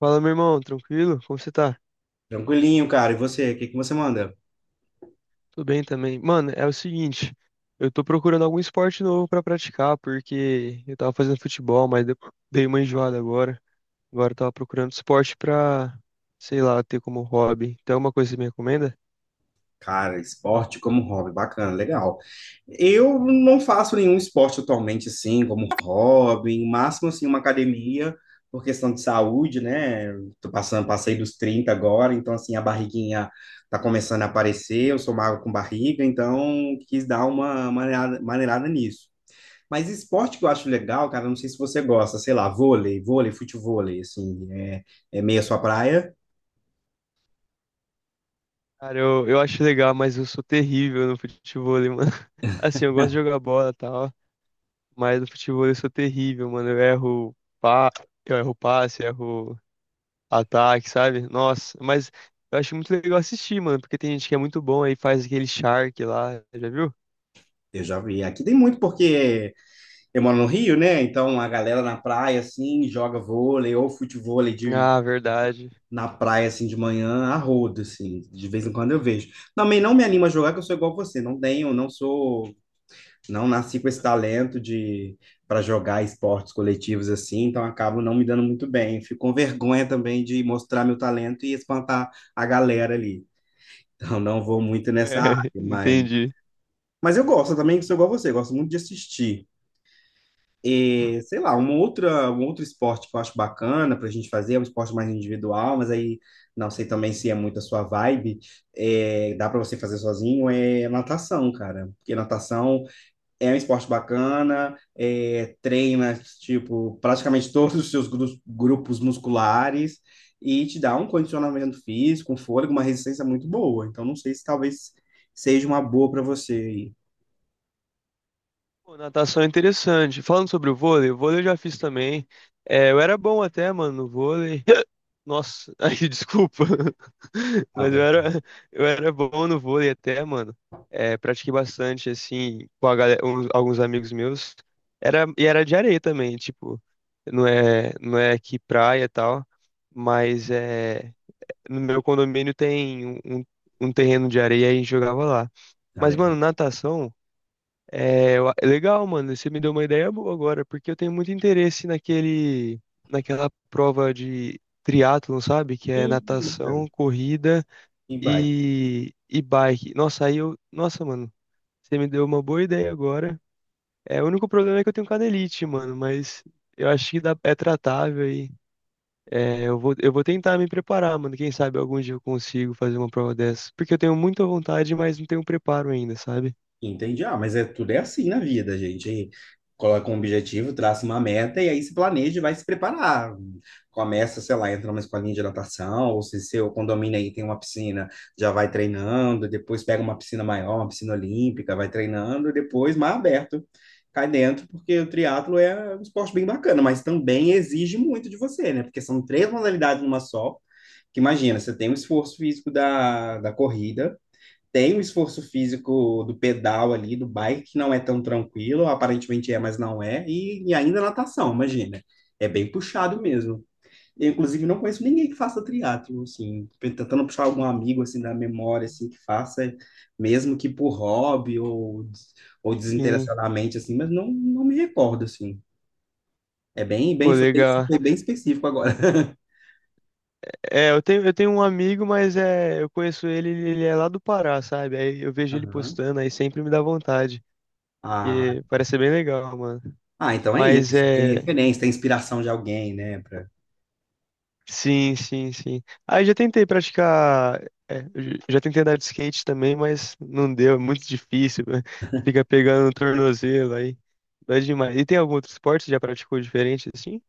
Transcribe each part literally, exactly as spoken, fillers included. Fala, meu irmão, tranquilo? Como você tá? Tranquilinho, cara. E você, o que que você manda? Tudo bem também. Mano, é o seguinte, eu tô procurando algum esporte novo pra praticar, porque eu tava fazendo futebol, mas deu- dei uma enjoada agora. Agora eu tava procurando esporte pra, sei lá, ter como hobby. Tem alguma coisa que você me recomenda? Cara, esporte como hobby, bacana, legal. Eu não faço nenhum esporte atualmente assim, como hobby, no máximo assim uma academia, por questão de saúde, né? Eu tô passando, passei dos trinta agora, então assim a barriguinha tá começando a aparecer, eu sou magro com barriga, então quis dar uma maneirada, maneirada nisso. Mas esporte que eu acho legal, cara, não sei se você gosta, sei lá, vôlei, vôlei, futevôlei, assim, é, é meio a sua praia. Cara, eu, eu acho legal, mas eu sou terrível no futebol, mano. Assim, eu gosto de jogar bola e tal, mas no futebol eu sou terrível, mano. Eu erro pa... eu erro passe, erro. Ataque, sabe? Nossa, mas eu acho muito legal assistir, mano, porque tem gente que é muito bom aí faz aquele Shark lá, já viu? Eu já vi. Aqui tem muito porque eu moro no Rio, né? Então a galera na praia, assim, joga vôlei ou futevôlei de, Ah, verdade. na praia, assim, de manhã, a rodo, assim. De vez em quando eu vejo. Também não me animo a jogar, que eu sou igual você. Não tenho, não sou, não nasci com esse talento de para jogar esportes coletivos, assim. Então acabo não me dando muito bem. Fico com vergonha também de mostrar meu talento e espantar a galera ali. Então não vou muito É, nessa área, mas... Entendi. Mas eu gosto também, que sou igual você, gosto muito de assistir. E, sei lá, uma outra, um outro esporte que eu acho bacana para a gente fazer, é um esporte mais individual, mas aí não sei também se é muito a sua vibe, é, dá para você fazer sozinho, é natação, cara. Porque natação é um esporte bacana, é, treina, tipo, praticamente todos os seus gru- grupos musculares e te dá um condicionamento físico, um fôlego, uma resistência muito boa. Então, não sei se talvez seja uma boa para você aí. Pô, natação é interessante. Falando sobre o vôlei, o vôlei eu já fiz também. É, eu era bom até, mano, no vôlei. Nossa, aí desculpa. Mas eu Abra. era, eu era bom no vôlei até, mano. É, pratiquei bastante, assim, com a galera, uns- alguns amigos meus. Era, e era de areia também, tipo, não é, não é aqui praia e tal, mas é, no meu condomínio tem um, um um terreno de areia e a gente jogava lá. Ah, Mas, mano, legal. natação. É, eu legal, mano. Você me deu uma ideia boa agora, porque eu tenho muito interesse naquele, naquela prova de triatlon, sabe? Que é Hum, natação, bacana. corrida E vai. e, e bike. Nossa, aí eu. Nossa, mano, você me deu uma boa ideia agora. É, o único problema é que eu tenho canelite, mano, mas eu acho que dá, é tratável aí. É, eu vou, eu vou tentar me preparar, mano. Quem sabe algum dia eu consigo fazer uma prova dessa. Porque eu tenho muita vontade, mas não tenho preparo ainda, sabe? Entendi. Ah, mas é tudo é assim na vida, gente. Aí coloca um objetivo, traça uma meta e aí se planeja e vai se preparar. Começa, sei lá, entra numa escolinha de natação, ou se seu condomínio aí tem uma piscina, já vai treinando, depois pega uma piscina maior, uma piscina olímpica, vai treinando, depois mar aberto. Cai dentro, porque o triatlo é um esporte bem bacana, mas também exige muito de você, né? Porque são três modalidades numa só. Que imagina, você tem o esforço físico da, da corrida, tem o esforço físico do pedal ali, do bike, que não é tão tranquilo, aparentemente é, mas não é, e, e ainda natação, imagina. É bem puxado mesmo. Eu, inclusive, não conheço ninguém que faça triatlo, assim, tentando puxar algum amigo, assim, da memória, assim, que faça, mesmo que por hobby ou, ou Sim, desinteressadamente, assim, mas não, não me recordo, assim. É bem, pô, bem, foi bem, legal. foi bem específico agora. É, eu tenho, eu tenho um amigo, mas é, eu conheço ele, ele ele é lá do Pará, sabe? Aí eu vejo ele Aham. postando, aí sempre me dá vontade. Ah, E parece ser bem legal, mano. ah, então é Mas isso. Tem é. referência, tem inspiração de alguém, né? Sim, sim, sim. Aí já tentei praticar. É, eu j- já tentei andar de skate também, mas não deu, é muito difícil, né? Fica pegando o tornozelo aí. Dói demais. E tem algum outro esporte que já praticou diferente assim?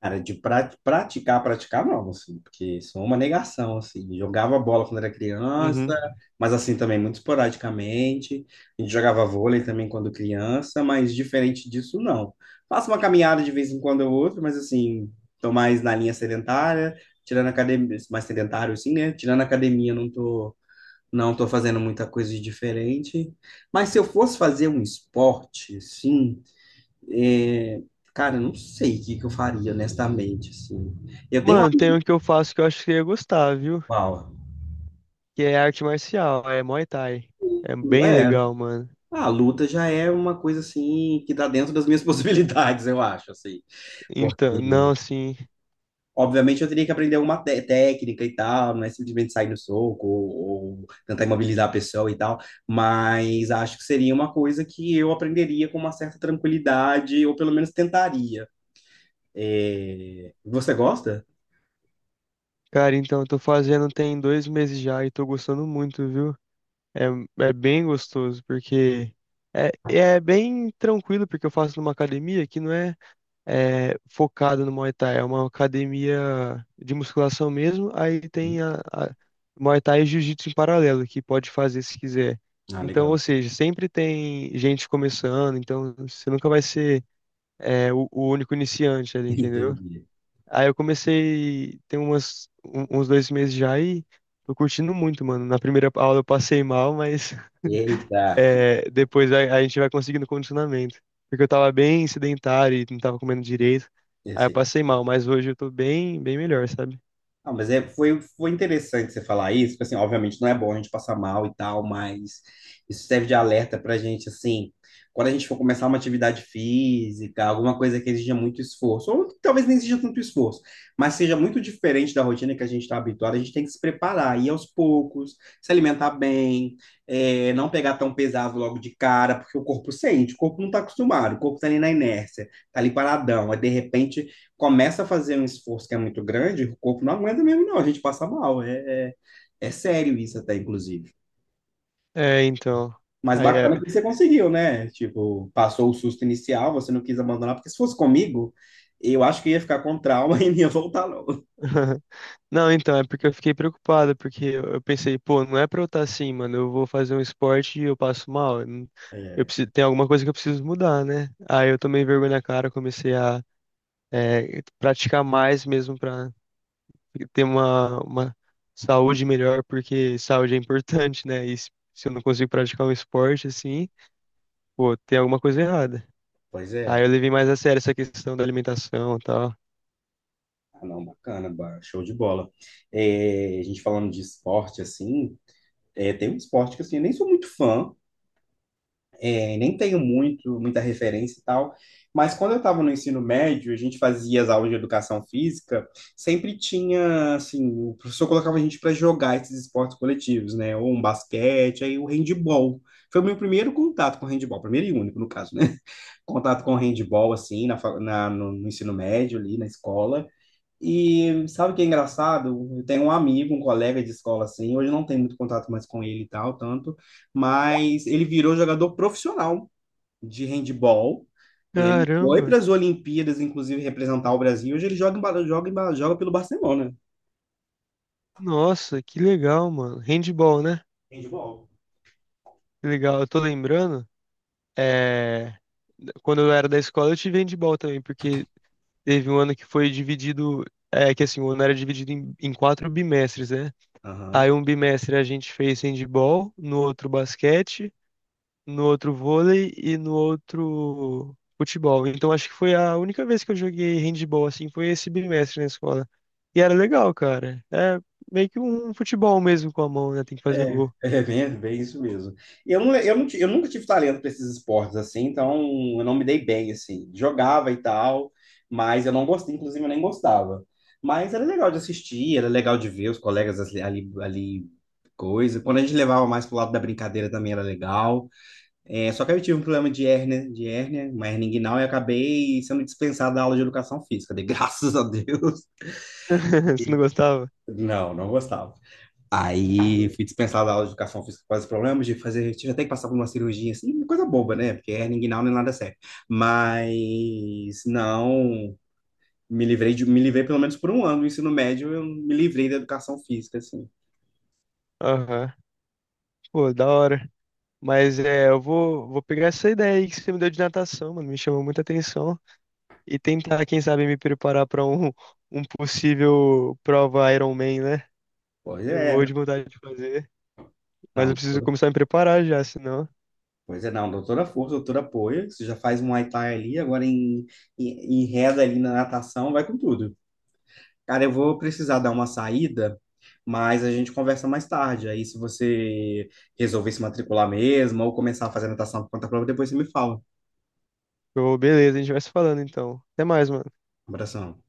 Cara, de pra- praticar, praticar não, assim, porque sou uma negação, assim. Jogava bola quando era criança, Uhum. mas assim também muito esporadicamente. A gente jogava vôlei também quando criança, mas diferente disso, não. Faço uma caminhada de vez em quando ou outra, mas assim, tô mais na linha sedentária, tirando academia, mais sedentário assim, né? Tirando academia, não tô, não tô fazendo muita coisa de diferente. Mas se eu fosse fazer um esporte, sim. É, cara, eu não sei o que que eu faria, honestamente, assim. Eu tenho uma... Mano, tem um que eu faço que eu acho que eu ia gostar, viu? Uau. Que é arte marcial, é Muay Thai. É bem É, legal, mano. a luta já é uma coisa, assim, que tá dentro das minhas possibilidades, eu acho, assim. Então, não, Porque, assim, obviamente, eu teria que aprender alguma té- técnica e tal, não é simplesmente sair no soco ou, ou tentar imobilizar a pessoa e tal, mas acho que seria uma coisa que eu aprenderia com uma certa tranquilidade, ou pelo menos tentaria. É, você gosta? cara, então eu tô fazendo tem dois meses já e tô gostando muito, viu? É, é bem gostoso, porque é, é bem tranquilo, porque eu faço numa academia que não é, é focada no Muay Thai, é uma academia de musculação mesmo, aí Sim. tem a, a Muay Thai e Jiu-Jitsu em paralelo, que pode fazer se quiser. Ah, Então, ou legal. seja, sempre tem gente começando, então você nunca vai ser é, o, o único iniciante ali, entendeu? Entendi. Aí eu comecei, tem umas, um- uns dois meses já e tô curtindo muito, mano. Na primeira aula eu passei mal, mas Eita. é, depois a, a gente vai conseguindo condicionamento. Porque eu tava bem sedentário e não tava comendo direito. E Aí eu assim, passei mal, mas hoje eu tô bem, bem melhor, sabe? não, mas é, foi, foi interessante você falar isso, porque, assim, obviamente não é bom a gente passar mal e tal, mas isso serve de alerta pra gente, assim, quando a gente for começar uma atividade física, alguma coisa que exija muito esforço, ou que talvez nem exija tanto esforço, mas seja muito diferente da rotina que a gente está habituado, a gente tem que se preparar, ir aos poucos, se alimentar bem, é, não pegar tão pesado logo de cara, porque o corpo sente, o corpo não está acostumado, o corpo está ali na inércia, está ali paradão, aí de repente começa a fazer um esforço que é muito grande, o corpo não aguenta mesmo, não. A gente passa mal. É, é, é sério isso até, inclusive. É, então. Mas Aí é. bacana que você conseguiu, né? Tipo, passou o susto inicial, você não quis abandonar, porque se fosse comigo, eu acho que ia ficar com trauma e não ia voltar, não. Não, então, é porque eu fiquei preocupado, porque eu eu pensei, pô, não é pra eu estar assim, mano, eu vou fazer um esporte e eu passo mal. Eu não- Eu É, preciso, tem alguma coisa que eu preciso mudar, né? Aí eu tomei vergonha na cara, comecei a é, praticar mais mesmo para ter uma, uma saúde melhor, porque saúde é importante, né? E se se eu não consigo praticar um esporte assim, pô, tem alguma coisa errada. pois Aí eu é. levei mais a sério essa questão da alimentação e tal. Ah, não, bacana, ba- show de bola. É, a gente falando de esporte, assim, é, tem um esporte que assim, eu nem sou muito fã, é, nem tenho muito, muita referência e tal, mas quando eu estava no ensino médio, a gente fazia as aulas de educação física, sempre tinha, assim, o professor colocava a gente para jogar esses esportes coletivos, né? Ou um basquete, aí o handball. Foi o meu primeiro contato com handball, primeiro e único, no caso, né? Contato com handball, assim, na, fa- na- no, no ensino médio, ali na escola. E sabe o que é engraçado? Eu tenho um amigo, um colega de escola, assim, hoje eu não tenho muito contato mais com ele e tal, tanto, mas ele virou jogador profissional de handball. Ele foi Caramba! para as Olimpíadas, inclusive, representar o Brasil. Hoje ele joga, em Ba- joga, em Ba- joga pelo Barcelona. Nossa, que legal, mano. Handball, né? Handball. Que legal, eu tô lembrando. É... Quando eu era da escola, eu tive handball também, porque teve um ano que foi dividido. É que assim, o ano era dividido em, em quatro bimestres, né? Aí Aham. um bimestre a gente fez handball, no outro basquete, no outro vôlei e no outro futebol. Então acho que foi a única vez que eu joguei handball assim, foi esse bimestre na escola. E era legal, cara. É meio que um futebol mesmo com a mão, né? Tem que fazer É, gol. é bem, bem isso mesmo. Eu, não, eu, não ti- eu nunca tive talento para esses esportes assim, então eu não me dei bem assim. Jogava e tal, mas eu não gostei, inclusive eu nem gostava. Mas era legal de assistir, era legal de ver os colegas ali, ali, ali coisa. Quando a gente levava mais pro lado da brincadeira também era legal. É, só que aí eu tive um problema de hérnia, de hérnia, uma hérnia inguinal, e acabei sendo dispensado da aula de educação física. Dei graças a Deus. Você não gostava? Não, não gostava. Aí Não. fui dispensado da aula de educação física por causa de problemas de fazer. Tive até que passar por uma cirurgia, assim, coisa boba, né? Porque hernia inguinal não é nada sério. Mas não. Me livrei de, me livrei pelo menos por um ano do ensino médio, eu me livrei da educação física, assim. Aham. Pô, da hora. Mas é, eu vou, vou pegar essa ideia aí que você me deu de natação, mano. Me chamou muita atenção. E tentar, quem sabe, me preparar para um, um possível prova Iron Man, né? Pois Eu é. morro de vontade de fazer, mas eu Não, preciso começar a me preparar já, senão. Pois é, não, doutora força, doutora apoia. Você já faz um Muay Thai ali, agora em, em, em reda ali na natação, vai com tudo. Cara, eu vou precisar dar Sim. uma saída, mas a gente conversa mais tarde. Aí, se você resolver se matricular mesmo ou começar a fazer natação por conta própria, depois você me fala. Eu, beleza, a gente vai se falando então. Até mais, mano. Um abração.